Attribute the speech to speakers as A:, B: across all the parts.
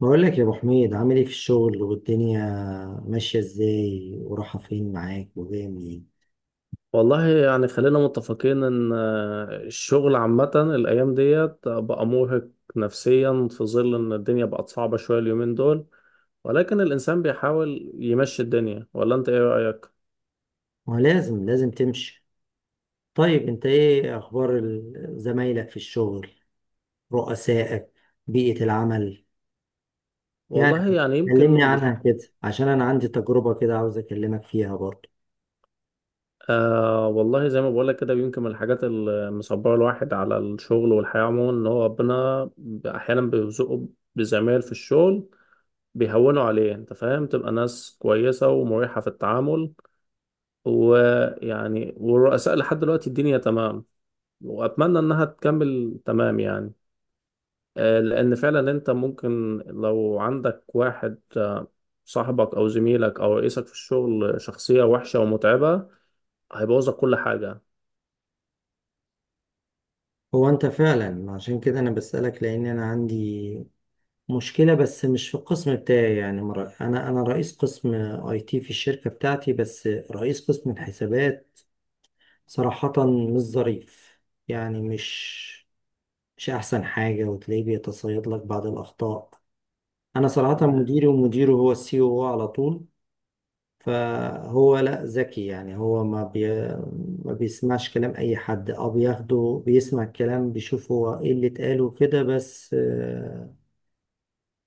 A: بقول لك يا ابو حميد، عامل ايه في الشغل والدنيا ماشيه ازاي ورايحه فين معاك وجايه منين؟
B: والله يعني خلينا متفقين ان الشغل عامة الايام ديت بقى مرهق نفسيا، في ظل ان الدنيا بقت صعبة شوية اليومين دول، ولكن الانسان بيحاول يمشي الدنيا. ولا انت ايه رأيك؟
A: ما لازم لازم تمشي. طيب انت ايه اخبار زمايلك في الشغل، رؤسائك، بيئه العمل؟ يعني
B: والله يعني
A: كلمني
B: يمكن
A: عنها كده عشان انا عندي تجربه كده عاوز اكلمك فيها برضه.
B: والله زي ما بقولك كده، يمكن من الحاجات اللي مصبرة الواحد على الشغل والحياة عموما ان هو ربنا احيانا بيرزقه بزمايل في الشغل بيهونوا عليه، انت فاهم، تبقى ناس كويسة ومريحة في التعامل. ويعني والرؤساء لحد دلوقتي الدنيا تمام، وأتمنى إنها تكمل تمام يعني. لأن فعلا أنت ممكن لو عندك واحد صاحبك أو زميلك أو رئيسك في الشغل شخصية وحشة ومتعبة، هيبوظك كل حاجة.
A: هو انت فعلا عشان كده انا بسالك لان انا عندي مشكلة، بس مش في القسم بتاعي يعني. أنا رئيس قسم أي تي في الشركة بتاعتي، بس رئيس قسم الحسابات صراحة مش ظريف، يعني مش أحسن حاجة، وتلاقيه بيتصيد لك بعض الأخطاء. أنا صراحة
B: تمام.
A: مديري ومديره هو السي او على طول. فهو لا ذكي، يعني هو ما بيسمعش كلام أي حد أو بياخده، بيسمع الكلام، بيشوف هو إيه اللي اتقال وكده، بس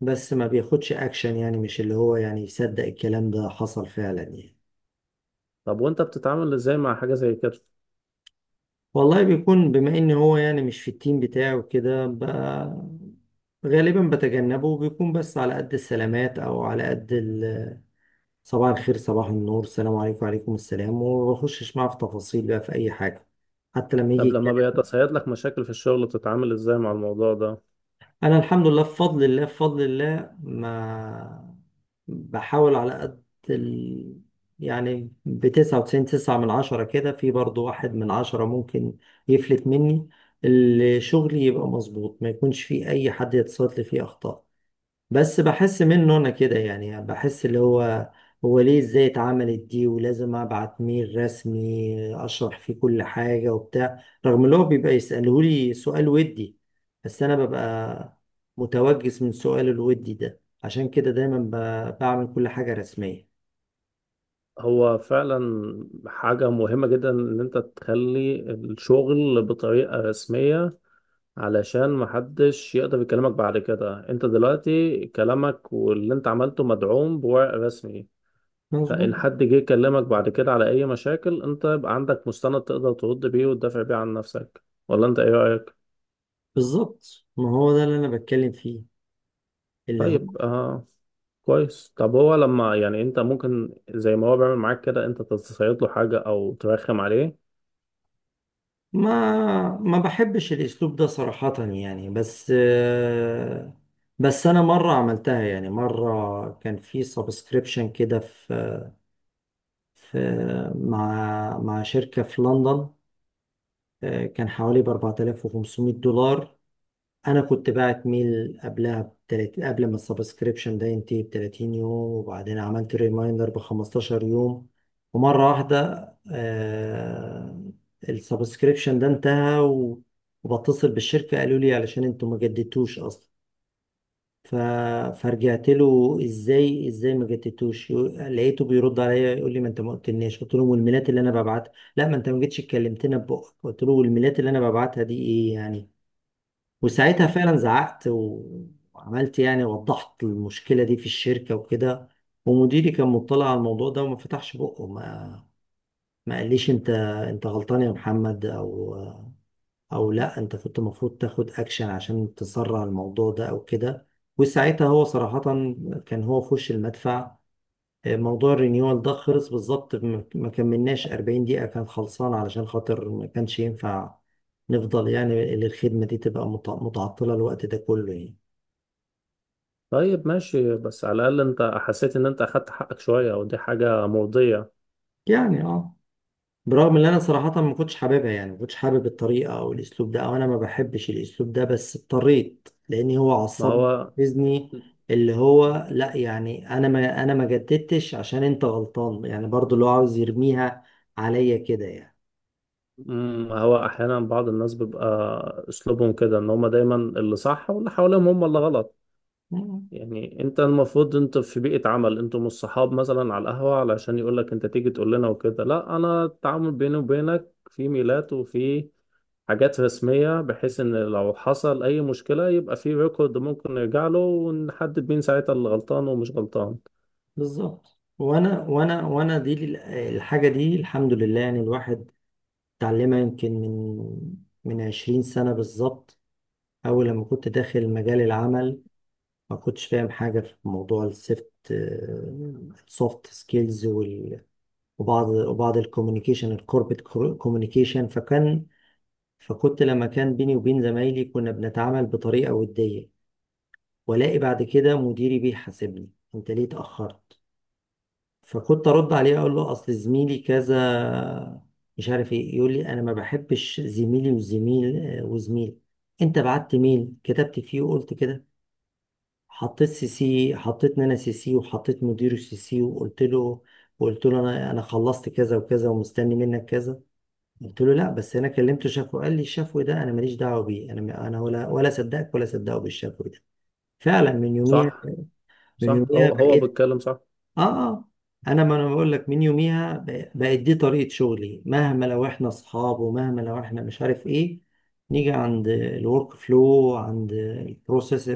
A: بس ما بياخدش أكشن. يعني مش اللي هو يعني يصدق الكلام ده حصل فعلا يعني.
B: طب وأنت بتتعامل إزاي مع حاجة زي كده؟
A: والله بيكون بما ان هو يعني مش في التيم بتاعه وكده، غالبا بتجنبه، وبيكون بس على قد السلامات، او على قد صباح الخير، صباح النور، السلام عليكم، وعليكم السلام، وما بخشش معاه في تفاصيل بقى في اي حاجه حتى لما
B: طب
A: يجي.
B: لما بيتصيد لك مشاكل في الشغل، بتتعامل إزاي مع الموضوع ده؟
A: انا الحمد لله، بفضل الله ما بحاول على قد ال... يعني ب99، تسعة من عشرة كده، في برضو واحد من عشرة ممكن يفلت مني. اللي شغلي يبقى مظبوط، ما يكونش فيه اي حد يتصادف لي فيه اخطاء. بس بحس منه انا كده، يعني بحس اللي هو ليه ازاي اتعملت دي، ولازم ابعت ميل رسمي اشرح فيه كل حاجة وبتاع، رغم اللي هو بيبقى يسألهولي سؤال ودي. بس انا ببقى متوجس من سؤال الودي ده، عشان كده دايما بعمل كل حاجة رسمية.
B: هو فعلا حاجة مهمة جدا إن أنت تخلي الشغل بطريقة رسمية، علشان محدش يقدر يكلمك بعد كده. انت دلوقتي كلامك واللي انت عملته مدعوم بورق رسمي،
A: مظبوط.
B: فان حد جه يكلمك بعد كده على اي مشاكل، انت يبقى عندك مستند تقدر ترد بيه وتدافع بيه عن نفسك. ولا انت ايه رأيك؟
A: بالظبط، ما هو ده اللي انا بتكلم فيه اللي هو.
B: طيب كويس. طب هو لما يعني انت ممكن زي ما هو بيعمل معاك كده، انت تصيد له حاجة او ترخم عليه؟
A: ما بحبش الاسلوب ده صراحة يعني، بس انا مرة عملتها. يعني مرة كان في سبسكريبشن كده، في مع شركة في لندن. كان حوالي ب $4,500. انا كنت بعت ميل قبلها ب30، قبل ما السبسكريبشن ده ينتهي ب 30 يوم، وبعدين عملت ريمايندر ب 15 يوم. ومره واحده السبسكريبشن ده انتهى وبتصل بالشركه، قالوا لي علشان انتوا ما جددتوش اصلا. ف... فرجعت له: ازاي ازاي ما جددتوش؟ لقيته بيرد عليا يقول لي: ما انت ما قلتلناش. قلت له: والميلات اللي انا ببعتها؟ لا ما انت ما جيتش اتكلمتنا ببقك. قلت له: والميلات اللي انا ببعتها دي ايه يعني؟ وساعتها فعلا زعقت وعملت، يعني وضحت المشكلة دي في الشركة وكده. ومديري كان مطلع على الموضوع ده وما فتحش بقه، ما قاليش: انت غلطان يا محمد، او لا انت كنت المفروض تاخد اكشن عشان تسرع الموضوع ده او كده. وساعتها هو صراحة كان هو في وش المدفع. موضوع الرينيوال ده خلص بالظبط، ما كملناش 40 دقيقة كان خلصان، علشان خاطر ما كانش ينفع نفضل، يعني الخدمة دي تبقى متعطلة الوقت ده كله يعني.
B: طيب ماشي، بس على الاقل انت حسيت ان انت اخدت حقك شوية، ودي حاجة مرضية.
A: يعني اه، برغم ان انا صراحة ما كنتش حاببها، يعني ما كنتش حابب الطريقة او الاسلوب ده، او انا ما بحبش الاسلوب ده، بس اضطريت لان هو
B: ما
A: عصبني
B: هو
A: وحفزني. اللي هو لا يعني انا ما جددتش عشان انت غلطان، يعني برضو اللي هو عاوز يرميها عليا كده يعني.
B: هو احيانا بعض الناس بيبقى اسلوبهم كده، ان هم دايما اللي صح واللي حواليهم هم اللي غلط.
A: مم.
B: يعني انت المفروض انت في بيئة عمل، انتوا مش صحاب مثلا على القهوة علشان يقول لك انت تيجي تقول لنا وكده. لا، انا التعامل بيني وبينك في ميلات وفي حاجات رسمية، بحيث ان لو حصل اي مشكلة يبقى في ريكورد ممكن نرجع له ونحدد مين ساعتها اللي غلطان ومش غلطان.
A: بالظبط، وانا دي الحاجة دي الحمد لله يعني، الواحد اتعلمها يمكن من 20 سنة بالظبط، اول لما كنت داخل مجال العمل. ما كنتش فاهم حاجة في موضوع السوفت سكيلز وبعض الكوميونيكيشن الكوربت كوميونيكيشن فكان فكنت لما كان بيني وبين زمايلي كنا بنتعامل بطريقة ودية. والاقي بعد كده مديري بيحاسبني: انت ليه اتأخرت؟ فكنت ارد عليه اقول له: اصل زميلي كذا، مش عارف ايه. يقول لي: انا ما بحبش زميلي وزميل. انت بعت ميل كتبت فيه وقلت كده، حطيت سي سي، حطيت نانا سي سي، وحطيت مدير السي سي، وقلت له انا خلصت كذا وكذا، ومستني منك كذا. قلت له: لا بس انا كلمت شافو. قال لي: الشفو ده انا ماليش دعوه بيه، انا ولا صدقك ولا صدقه بالشفو ده. فعلا من يوميها،
B: صح.
A: من
B: صح،
A: يوميها
B: هو
A: بقيت،
B: بيتكلم صح.
A: اه، اه، ما انا بقول لك من يوميها بقت دي طريقة شغلي. مهما لو احنا اصحاب، ومهما لو احنا مش عارف ايه، نيجي عند الورك فلو، عند البروسيس،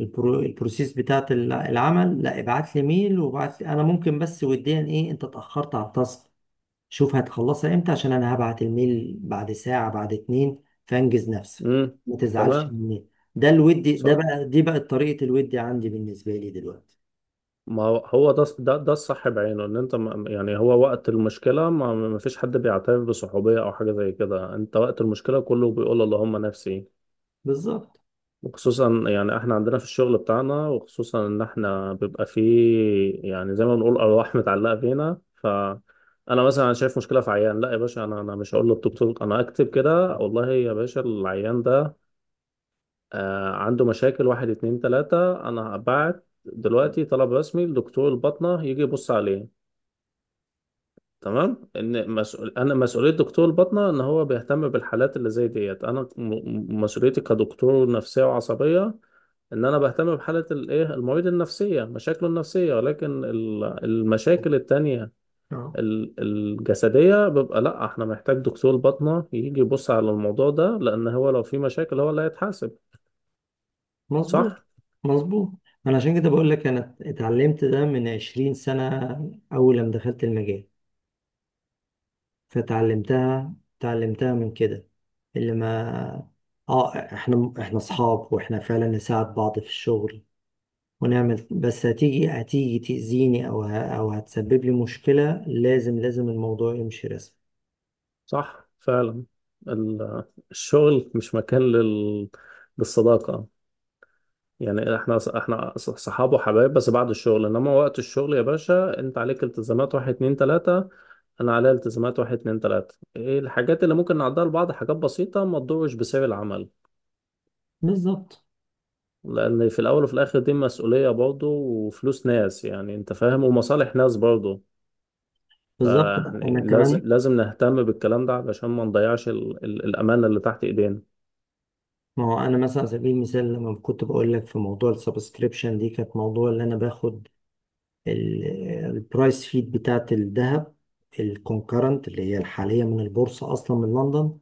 A: البروسيس بتاعت العمل، لا ابعت لي ميل، وابعت لي انا ممكن بس وديا: ايه، انت اتأخرت على التاسك، شوف هتخلصها امتى، عشان انا هبعت الميل بعد ساعة بعد اتنين، فانجز نفسك،
B: امم،
A: ما تزعلش
B: تمام.
A: مني. ده الودي ده
B: صح.
A: بقى، دي بقت طريقة الودي عندي بالنسبة لي دلوقتي.
B: ما هو ده الصح بعينه، ان انت، ما يعني، هو وقت المشكله ما فيش حد بيعترف بصحوبيه او حاجه زي كده. انت وقت المشكله كله بيقول اللهم نفسي.
A: بالظبط.
B: وخصوصا يعني احنا عندنا في الشغل بتاعنا، وخصوصا ان احنا بيبقى فيه يعني زي ما بنقول ارواح متعلقه فينا. انا مثلا شايف مشكله في عيان، لا يا باشا، انا مش هقول للدكتور انا اكتب كده، والله يا باشا العيان ده عنده مشاكل، واحد اتنين تلاته، انا هبعت دلوقتي طلب رسمي لدكتور الباطنه يجي يبص عليه. تمام، ان مسؤول، انا مسؤوليه دكتور الباطنه ان هو بيهتم بالحالات اللي زي ديت. انا مسؤوليتي كدكتور نفسيه وعصبيه ان انا بهتم بحاله الايه المريض النفسيه، مشاكله النفسيه. ولكن المشاكل التانية
A: اه.
B: الجسديه بيبقى لا، احنا محتاج دكتور باطنه يجي يبص على الموضوع ده، لان هو لو في مشاكل هو اللي هيتحاسب.
A: مظبوط
B: صح.
A: مظبوط. ما انا عشان كده بقول لك، انا اتعلمت ده من 20 سنة اول لما دخلت المجال. اتعلمتها من كده. اللي ما اه احنا اصحاب، واحنا فعلا نساعد بعض في الشغل ونعمل، بس هتيجي تأذيني، او او هتسبب لي مشكلة، لازم لازم الموضوع يمشي رسمي.
B: صح فعلا. ال- الشغل مش مكان للصداقه. يعني احنا صحاب وحبايب، بس بعد الشغل. انما وقت الشغل يا باشا، انت عليك التزامات واحد اتنين تلاتة، انا عليا التزامات واحد اتنين تلاتة. ايه الحاجات اللي ممكن نعدها لبعض؟ حاجات بسيطة ما تضرش بسعر العمل.
A: بالظبط
B: لان في الاول وفي الاخر دي مسؤولية برضه، وفلوس ناس، يعني انت فاهم، ومصالح ناس برضه.
A: بالظبط، انا
B: فلازم
A: كمان.
B: لازم نهتم بالكلام ده علشان ما نضيعش الامانة اللي تحت ايدينا.
A: ما هو انا مثلا على سبيل المثال لما كنت بقول لك في موضوع السبسكريبشن دي، كانت موضوع اللي انا باخد البرايس فيد بتاعت الذهب الكونكرنت اللي هي الحالية من البورصة أصلا من لندن،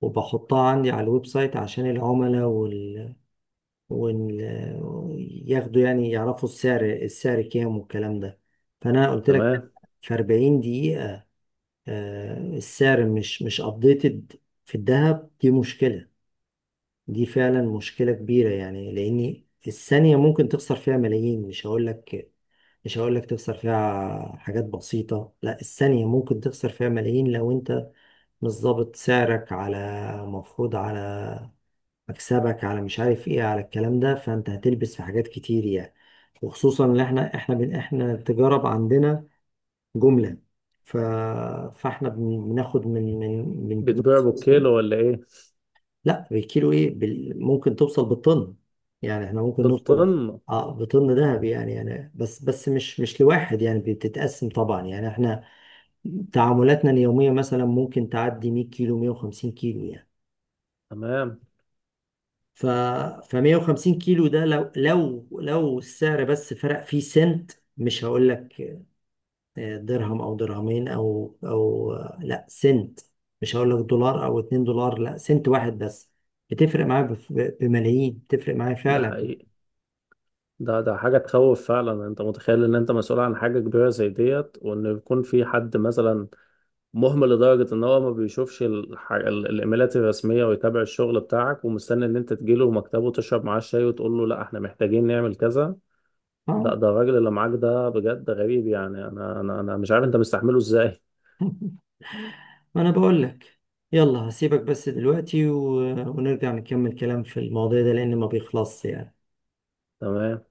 A: وبحطها عندي على الويب سايت عشان العملاء وال... ياخدوا، يعني يعرفوا السعر كام والكلام ده. فأنا قلت لك
B: تمام.
A: في 40 دقيقة السعر مش ابديتد في الذهب، دي مشكلة. دي فعلا مشكلة كبيرة، يعني لأن الثانية ممكن تخسر فيها ملايين. مش هقول لك، مش هقول لك تخسر فيها حاجات بسيطة، لا، الثانية ممكن تخسر فيها ملايين لو أنت مش ظابط سعرك على، مفروض على مكسبك، على مش عارف إيه، على الكلام ده، فأنت هتلبس في حاجات كتير يعني. وخصوصا إن إحنا التجارة عندنا جملة. ف... فإحنا بناخد من بنوك.
B: بتبيع بالكيلو ولا ايه؟
A: لا بالكيلو، ايه ممكن توصل بالطن. يعني احنا ممكن نوصل
B: بالطن؟
A: اه بطن دهب يعني بس مش لواحد يعني، بتتقسم طبعا. يعني احنا تعاملاتنا اليومية مثلا ممكن تعدي 100 كيلو، 150 كيلو يعني.
B: تمام.
A: ف ف 150 كيلو ده لو لو السعر بس فرق فيه سنت، مش هقول لك درهم او درهمين، او او آه، لا سنت، مش هقول لك دولار او $2، لا سنت واحد بس، بتفرق معايا بملايين، بتفرق معايا
B: ده
A: فعلا.
B: حقيقي. ده حاجة تخوف فعلا. انت متخيل ان انت مسؤول عن حاجة كبيرة زي ديت، وان يكون في حد مثلا مهمل لدرجة ان هو ما بيشوفش الايميلات الرسمية ويتابع الشغل بتاعك، ومستني ان انت تجيله مكتبه تشرب معاه الشاي وتقول له لا احنا محتاجين نعمل كذا؟ لا،
A: اه.
B: ده الراجل اللي معاك ده بجد غريب. يعني انا مش عارف انت مستحمله ازاي.
A: ما انا بقول لك، يلا هسيبك بس دلوقتي ونرجع نكمل كلام في المواضيع ده لان ما بيخلصش يعني.
B: تمام.